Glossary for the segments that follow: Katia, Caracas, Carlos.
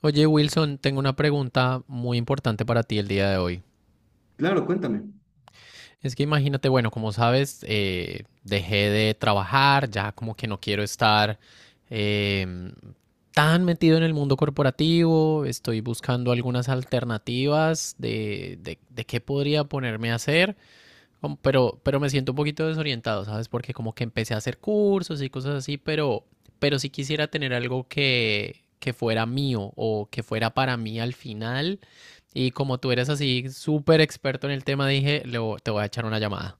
Oye, Wilson, tengo una pregunta muy importante para ti el día de hoy. Claro, cuéntame. Es que imagínate, bueno, como sabes, dejé de trabajar, ya como que no quiero estar eh, tan metido en el mundo corporativo. Estoy buscando algunas alternativas de qué podría ponerme a hacer. Pero me siento un poquito desorientado, ¿sabes? Porque como que empecé a hacer cursos y cosas así, pero sí quisiera tener algo que fuera mío o que fuera para mí al final. Y como tú eres así súper experto en el tema, dije, te voy a echar una llamada.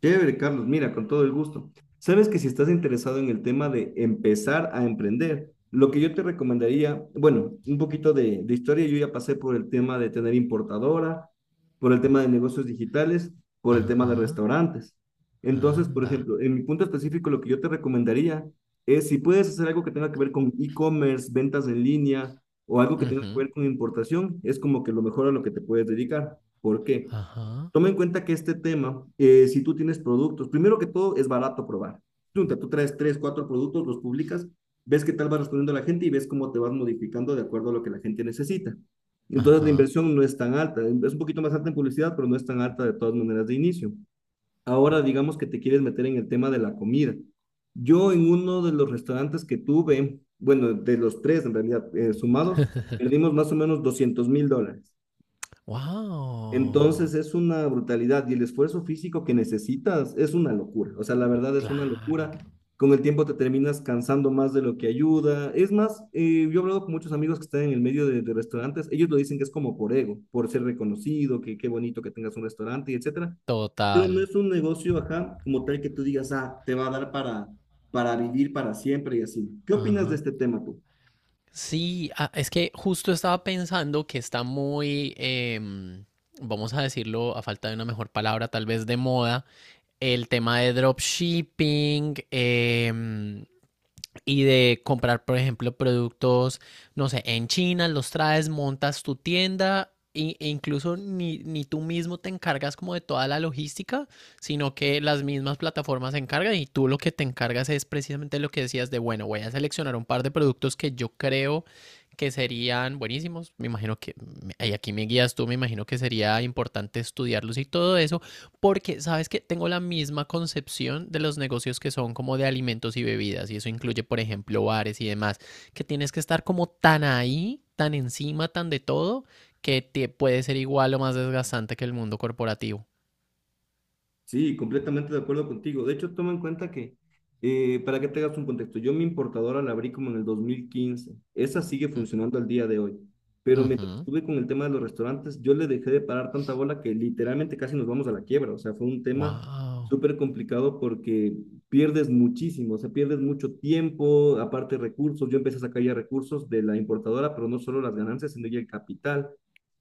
Chévere, Carlos. Mira, con todo el gusto. Sabes que si estás interesado en el tema de empezar a emprender, lo que yo te recomendaría, bueno, un poquito de historia. Yo ya pasé por el tema de tener importadora, por el tema de negocios digitales, por el tema de Ajá, restaurantes. Entonces, por anda. ejemplo, en mi punto específico, lo que yo te recomendaría es si puedes hacer algo que tenga que ver con e-commerce, ventas en línea o algo que tenga que Ujú, ver con importación, es como que lo mejor a lo que te puedes dedicar. ¿Por qué? ajá, Toma en cuenta que este tema, si tú tienes productos, primero que todo es barato probar. Tú traes tres, cuatro productos, los publicas, ves qué tal va respondiendo la gente y ves cómo te vas modificando de acuerdo a lo que la gente necesita. Entonces la ajá. inversión no es tan alta, es un poquito más alta en publicidad, pero no es tan alta de todas maneras de inicio. Ahora digamos que te quieres meter en el tema de la comida. Yo en uno de los restaurantes que tuve, bueno, de los tres en realidad sumados, perdimos más o menos $200,000. Entonces Wow, es una brutalidad y el esfuerzo físico que necesitas es una locura. O sea, la verdad es una claro. locura. Con el tiempo te terminas cansando más de lo que ayuda. Es más, yo he hablado con muchos amigos que están en el medio de restaurantes. Ellos lo dicen que es como por ego, por ser reconocido, que qué bonito que tengas un restaurante y etcétera. Pero Total. no es un negocio, ajá, como tal que tú digas, ah, te va a dar para vivir para siempre y así. ¿Qué opinas de Ajá. este tema tú? Sí, es que justo estaba pensando que está muy, vamos a decirlo a falta de una mejor palabra, tal vez de moda, el tema de dropshipping, y de comprar, por ejemplo, productos, no sé, en China, los traes, montas tu tienda e incluso ni tú mismo te encargas como de toda la logística, sino que las mismas plataformas se encargan y tú lo que te encargas es precisamente lo que decías de, bueno, voy a seleccionar un par de productos que yo creo que serían buenísimos. Me imagino que, y aquí me guías tú, me imagino que sería importante estudiarlos y todo eso. Porque, ¿sabes? Que tengo la misma concepción de los negocios que son como de alimentos y bebidas, y eso incluye, por ejemplo, bares y demás, que tienes que estar como tan ahí, tan encima, tan de todo, que te puede ser igual o más desgastante que el mundo corporativo. Sí, completamente de acuerdo contigo. De hecho, toma en cuenta que, para que te hagas un contexto, yo mi importadora la abrí como en el 2015. Esa sigue Mm, funcionando al día de hoy. Pero mientras ujú. estuve con el tema de los restaurantes, yo le dejé de parar tanta bola que literalmente casi nos vamos a la quiebra. O sea, fue un tema Wow. súper complicado porque pierdes muchísimo, o sea, pierdes mucho tiempo, aparte recursos. Yo empecé a sacar ya recursos de la importadora, pero no solo las ganancias, sino ya el capital.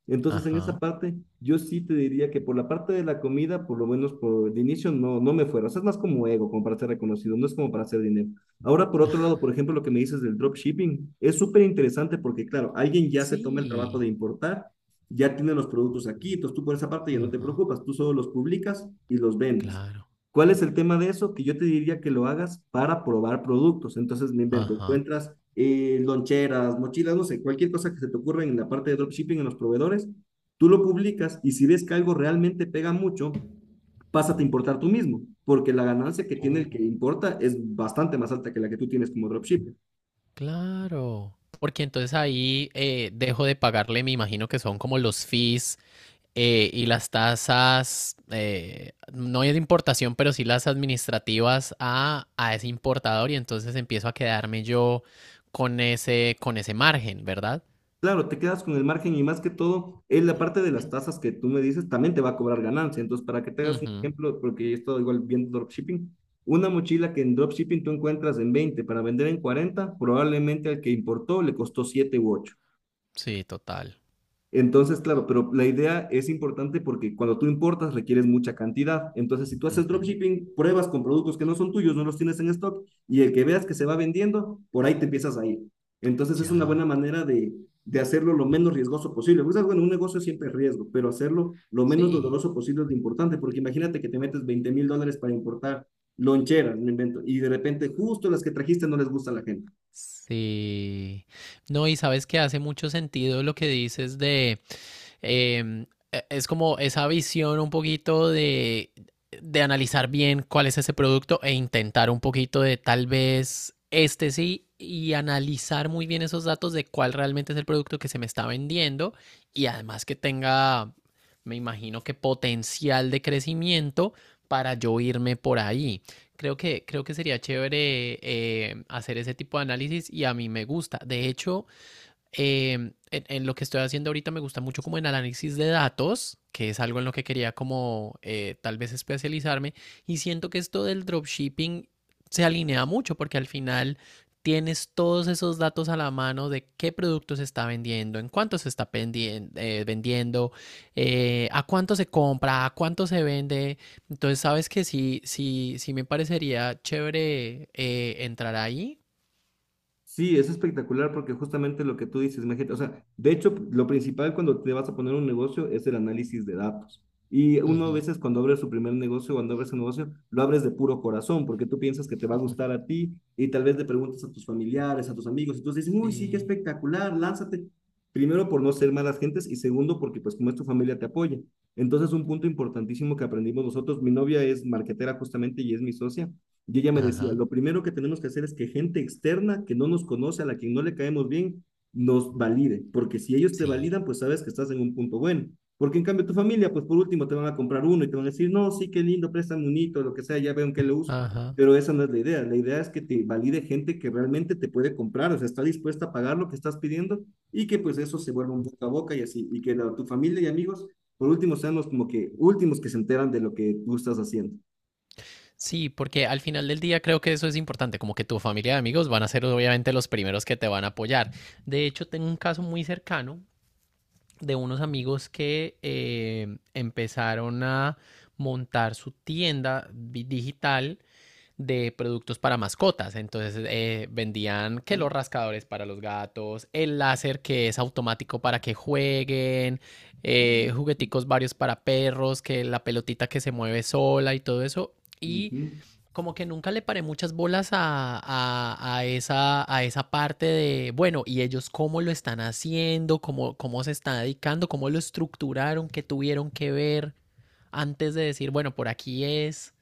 Entonces, en esa Ajá. parte, yo sí te diría que por la parte de la comida, por lo menos por el inicio, no, no me fuera. O sea, es más como ego, como para ser reconocido, no es como para hacer dinero. Ahora, por otro lado, por ejemplo, lo que me dices del dropshipping, es súper interesante porque, claro, alguien ya se toma el trabajo Sí. de importar, ya tiene los productos aquí, entonces tú por esa parte ya no te Ajá. preocupas, tú solo los publicas y los vendes. Claro. ¿Cuál es el tema de eso? Que yo te diría que lo hagas para probar productos. Entonces me invento, Ajá. encuentras loncheras, mochilas, no sé, cualquier cosa que se te ocurra en la parte de dropshipping, en los proveedores, tú lo publicas y si ves que algo realmente pega mucho, pásate a importar tú mismo, porque la ganancia que tiene el que Oh. importa es bastante más alta que la que tú tienes como dropshipper. Claro. Porque entonces ahí, dejo de pagarle, me imagino que son como los fees y las tasas, no es de importación, pero sí las administrativas a ese importador, y entonces empiezo a quedarme yo con ese margen, ¿verdad? Claro, te quedas con el margen y más que todo, es la parte de las tasas que tú me dices, también te va a cobrar ganancia. Entonces, para que te hagas un Ujú, ejemplo, porque he estado igual viendo dropshipping, una mochila que en dropshipping tú encuentras en 20 para vender en 40, probablemente al que importó le costó 7 u 8. sí, total. Entonces, claro, pero la idea es importante porque cuando tú importas requieres mucha cantidad. Entonces, si tú haces Ujú, dropshipping, pruebas con productos que no son tuyos, no los tienes en stock y el que veas que se va vendiendo, por ahí te empiezas a ir. Entonces, es una ya. buena manera de hacerlo lo menos riesgoso posible. Porque, bueno, un negocio siempre es riesgo, pero hacerlo lo menos Sí. doloroso posible es lo importante, porque imagínate que te metes $20,000 para importar loncheras, me invento, y de repente justo las que trajiste no les gusta a la gente. Sí. No, y sabes que hace mucho sentido lo que dices de eh, es como esa visión un poquito de analizar bien cuál es ese producto e intentar un poquito de tal vez este sí y analizar muy bien esos datos de cuál realmente es el producto que se me está vendiendo y además que tenga, me imagino que potencial de crecimiento para yo irme por ahí. Creo que sería chévere, hacer ese tipo de análisis y a mí me gusta. De hecho, eh, en lo que estoy haciendo ahorita me gusta mucho como el análisis de datos, que es algo en lo que quería como, tal vez especializarme, y siento que esto del dropshipping se alinea mucho porque al final tienes todos esos datos a la mano de qué producto se está vendiendo, en cuánto se está vendiendo, a cuánto se compra, a cuánto se vende. Entonces, sabes que sí me parecería chévere, entrar ahí. Sí, es espectacular porque justamente lo que tú dices, imagínate, o sea, de hecho, lo principal cuando te vas a poner un negocio es el análisis de datos. Y uno a Ujú. veces cuando abre su primer negocio, cuando abres un negocio, lo abres de puro corazón porque tú piensas que te va a gustar a ti y tal vez le preguntas a tus familiares, a tus amigos, y todos dicen, uy, sí, qué Sí. espectacular, lánzate. Primero por no ser malas gentes y segundo porque pues como es tu familia te apoya. Entonces un punto importantísimo que aprendimos nosotros, mi novia es marketera justamente y es mi socia. Y ella me decía, Ajá. lo primero que tenemos que hacer es que gente externa que no nos conoce, a la que no le caemos bien, nos valide, porque si ellos te Sí, validan, pues sabes que estás en un punto bueno. Porque en cambio tu familia, pues por último te van a comprar uno y te van a decir, no, sí, qué lindo, préstame un hito, lo que sea, ya veo en qué lo uso. ajá. Pero esa no es la idea. La idea es que te valide gente que realmente te puede comprar, o sea, está dispuesta a pagar lo que estás pidiendo y que pues eso se vuelva un boca a boca y así, y que la, tu familia y amigos, por último, sean los como que últimos que se enteran de lo que tú estás haciendo. Sí, porque al final del día creo que eso es importante, como que tu familia de amigos van a ser obviamente los primeros que te van a apoyar. De hecho, tengo un caso muy cercano de unos amigos que empezaron a montar su tienda digital de productos para mascotas. Entonces, vendían que los rascadores para los gatos, el láser que es automático para que jueguen, ¿No? Jugueticos varios para perros, que la pelotita que se mueve sola y todo eso. Y Ujú. como que nunca le paré muchas bolas a esa parte de, bueno, y ellos cómo lo están haciendo, cómo, cómo se están dedicando, cómo lo estructuraron, qué tuvieron que ver antes de decir, bueno, por aquí es.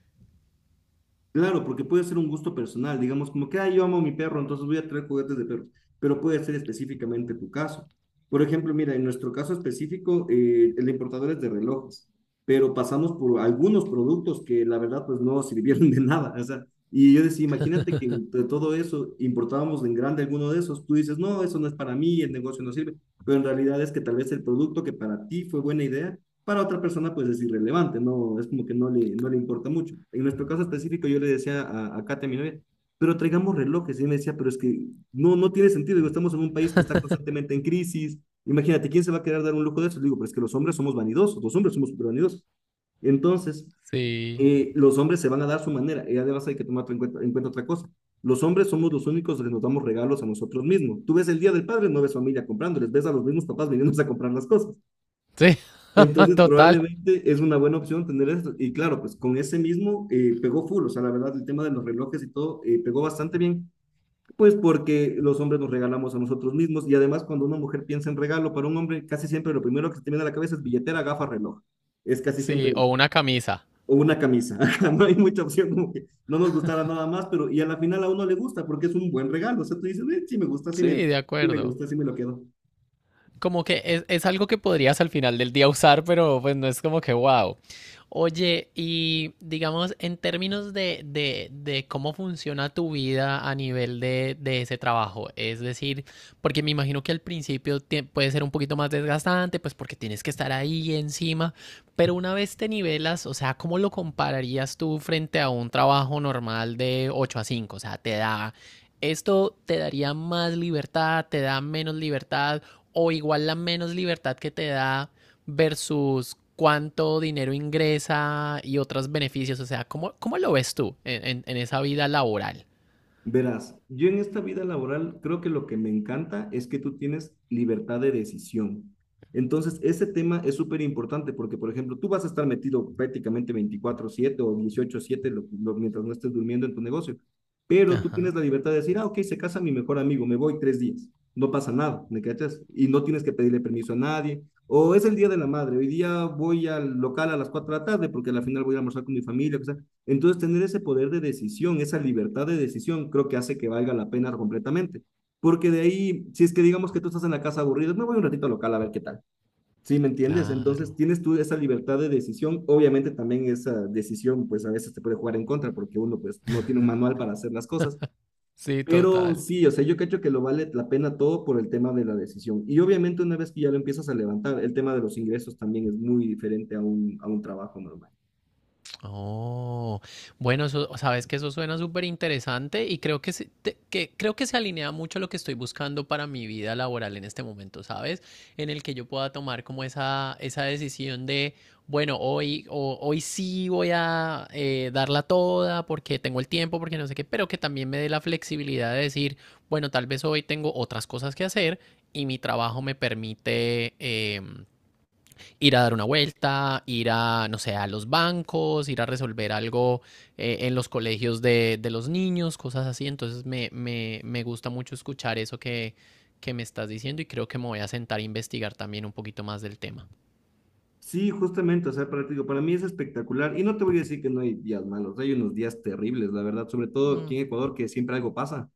Claro, porque puede ser un gusto personal, digamos como que, ah, yo amo a mi perro, entonces voy a traer juguetes de perros, pero puede ser específicamente tu caso. Por ejemplo, mira, en nuestro caso específico, el importador es de relojes, pero pasamos por algunos productos que la verdad pues no sirvieron de nada, o sea, y yo decía, imagínate que de todo eso importábamos en grande alguno de esos, tú dices, no, eso no es para mí, el negocio no sirve, pero en realidad es que tal vez el producto que para ti fue buena idea, para otra persona pues es irrelevante, no, es como que no le importa mucho. En nuestro caso específico yo le decía a Katia, mi novia, pero traigamos relojes, y ella me decía, pero es que no, no tiene sentido, digo, estamos en un país que está constantemente en crisis, imagínate, ¿quién se va a querer dar un lujo de eso? Le digo, pero es que los hombres somos vanidosos, los hombres somos súper vanidosos. Entonces, Sí. Los hombres se van a dar su manera, y además hay que tomar en cuenta otra cosa. Los hombres somos los únicos que nos damos regalos a nosotros mismos. Tú ves el Día del Padre, no ves familia comprándoles, ves a los mismos papás viniéndose a comprar las cosas. Sí, Entonces, total. probablemente es una buena opción tener esto. Y claro, pues con ese mismo pegó full, o sea, la verdad, el tema de los relojes y todo pegó bastante bien, pues porque los hombres nos regalamos a nosotros mismos y además cuando una mujer piensa en regalo para un hombre, casi siempre lo primero que se te viene a la cabeza es billetera, gafa, reloj. Es casi siempre, Sí, o una camisa. o una camisa. No hay mucha opción, como que no nos gustara nada más, pero y a la final a uno le gusta porque es un buen regalo. O sea, tú dices, "Sí me gusta, Sí, de sí me acuerdo. gusta, sí me lo quedo." Como que es algo que podrías al final del día usar, pero pues no es como que wow. Oye, y digamos, en términos de cómo funciona tu vida a nivel de ese trabajo, es decir, porque me imagino que al principio puede ser un poquito más desgastante, pues porque tienes que estar ahí encima, pero una vez te nivelas, o sea, ¿cómo lo compararías tú frente a un trabajo normal de 8 a cinco? O sea, te da, esto te daría más libertad, te da menos libertad o igual la menos libertad que te da versus cuánto dinero ingresa y otros beneficios. O sea, ¿cómo, cómo lo ves tú en esa vida laboral? Verás, yo en esta vida laboral creo que lo que me encanta es que tú tienes libertad de decisión. Entonces, ese tema es súper importante porque, por ejemplo, tú vas a estar metido prácticamente 24/7 o 18/7 mientras no estés durmiendo en tu negocio, pero tú tienes Ajá, la libertad de decir, ah, ok, se casa mi mejor amigo, me voy 3 días, no pasa nada, ¿me cachas? Y no tienes que pedirle permiso a nadie. O es el día de la madre, hoy día voy al local a las 4 de la tarde porque al final voy a almorzar con mi familia, o sea, entonces, tener ese poder de decisión, esa libertad de decisión, creo que hace que valga la pena completamente. Porque de ahí, si es que digamos que tú estás en la casa aburrido, me voy un ratito al local a ver qué tal. ¿Sí me entiendes? Entonces, claro. tienes tú esa libertad de decisión. Obviamente, también esa decisión, pues a veces te puede jugar en contra porque uno, pues, no tiene un manual para hacer las cosas. Sí, Pero total. sí, o sea, yo creo que lo vale la pena todo por el tema de la decisión. Y obviamente, una vez que ya lo empiezas a levantar, el tema de los ingresos también es muy diferente a un, trabajo normal. Oh, bueno, eso, sabes que eso suena súper interesante y creo que, que creo que se alinea mucho a lo que estoy buscando para mi vida laboral en este momento, ¿sabes? En el que yo pueda tomar como esa decisión de, bueno, hoy sí voy a, darla toda porque tengo el tiempo, porque no sé qué, pero que también me dé la flexibilidad de decir, bueno, tal vez hoy tengo otras cosas que hacer y mi trabajo me permite... em, ir a dar una vuelta, ir a, no sé, a los bancos, ir a resolver algo, en los colegios los niños, cosas así. Entonces me gusta mucho escuchar eso que me estás diciendo, y creo que me voy a sentar a investigar también un poquito más del tema. Sí, justamente, o sea, para, te digo, para mí es espectacular y no te voy a decir que no hay días malos, hay unos días terribles, la verdad, sobre todo aquí Mm, en Ecuador, que siempre algo pasa.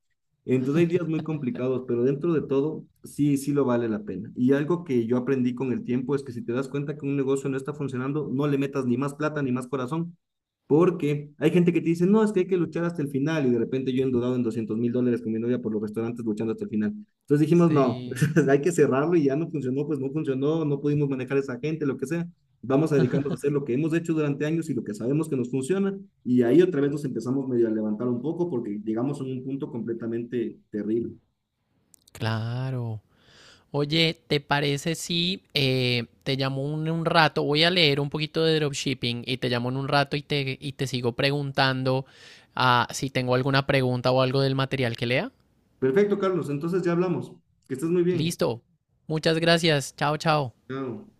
Entonces hay días muy complicados, pero dentro de todo, sí, sí lo vale la pena. Y algo que yo aprendí con el tiempo es que si te das cuenta que un negocio no está funcionando, no le metas ni más plata ni más corazón, porque hay gente que te dice, no, es que hay que luchar hasta el final y de repente yo he endeudado en $200,000 con mi novia por los restaurantes luchando hasta el final. Entonces dijimos, no, sí, hay que cerrarlo y ya no funcionó, pues no funcionó, no pudimos manejar a esa gente, lo que sea. Vamos a dedicarnos a hacer lo que hemos hecho durante años y lo que sabemos que nos funciona. Y ahí otra vez nos empezamos medio a levantar un poco porque llegamos a un punto completamente terrible. claro. Oye, ¿te parece si, te llamo rato? Voy a leer un poquito de dropshipping y te llamo en un rato y te sigo preguntando, si tengo alguna pregunta o algo del material que lea. Perfecto, Carlos. Entonces ya hablamos. Que estés muy bien. Listo. Muchas gracias. Chao, chao. Chao.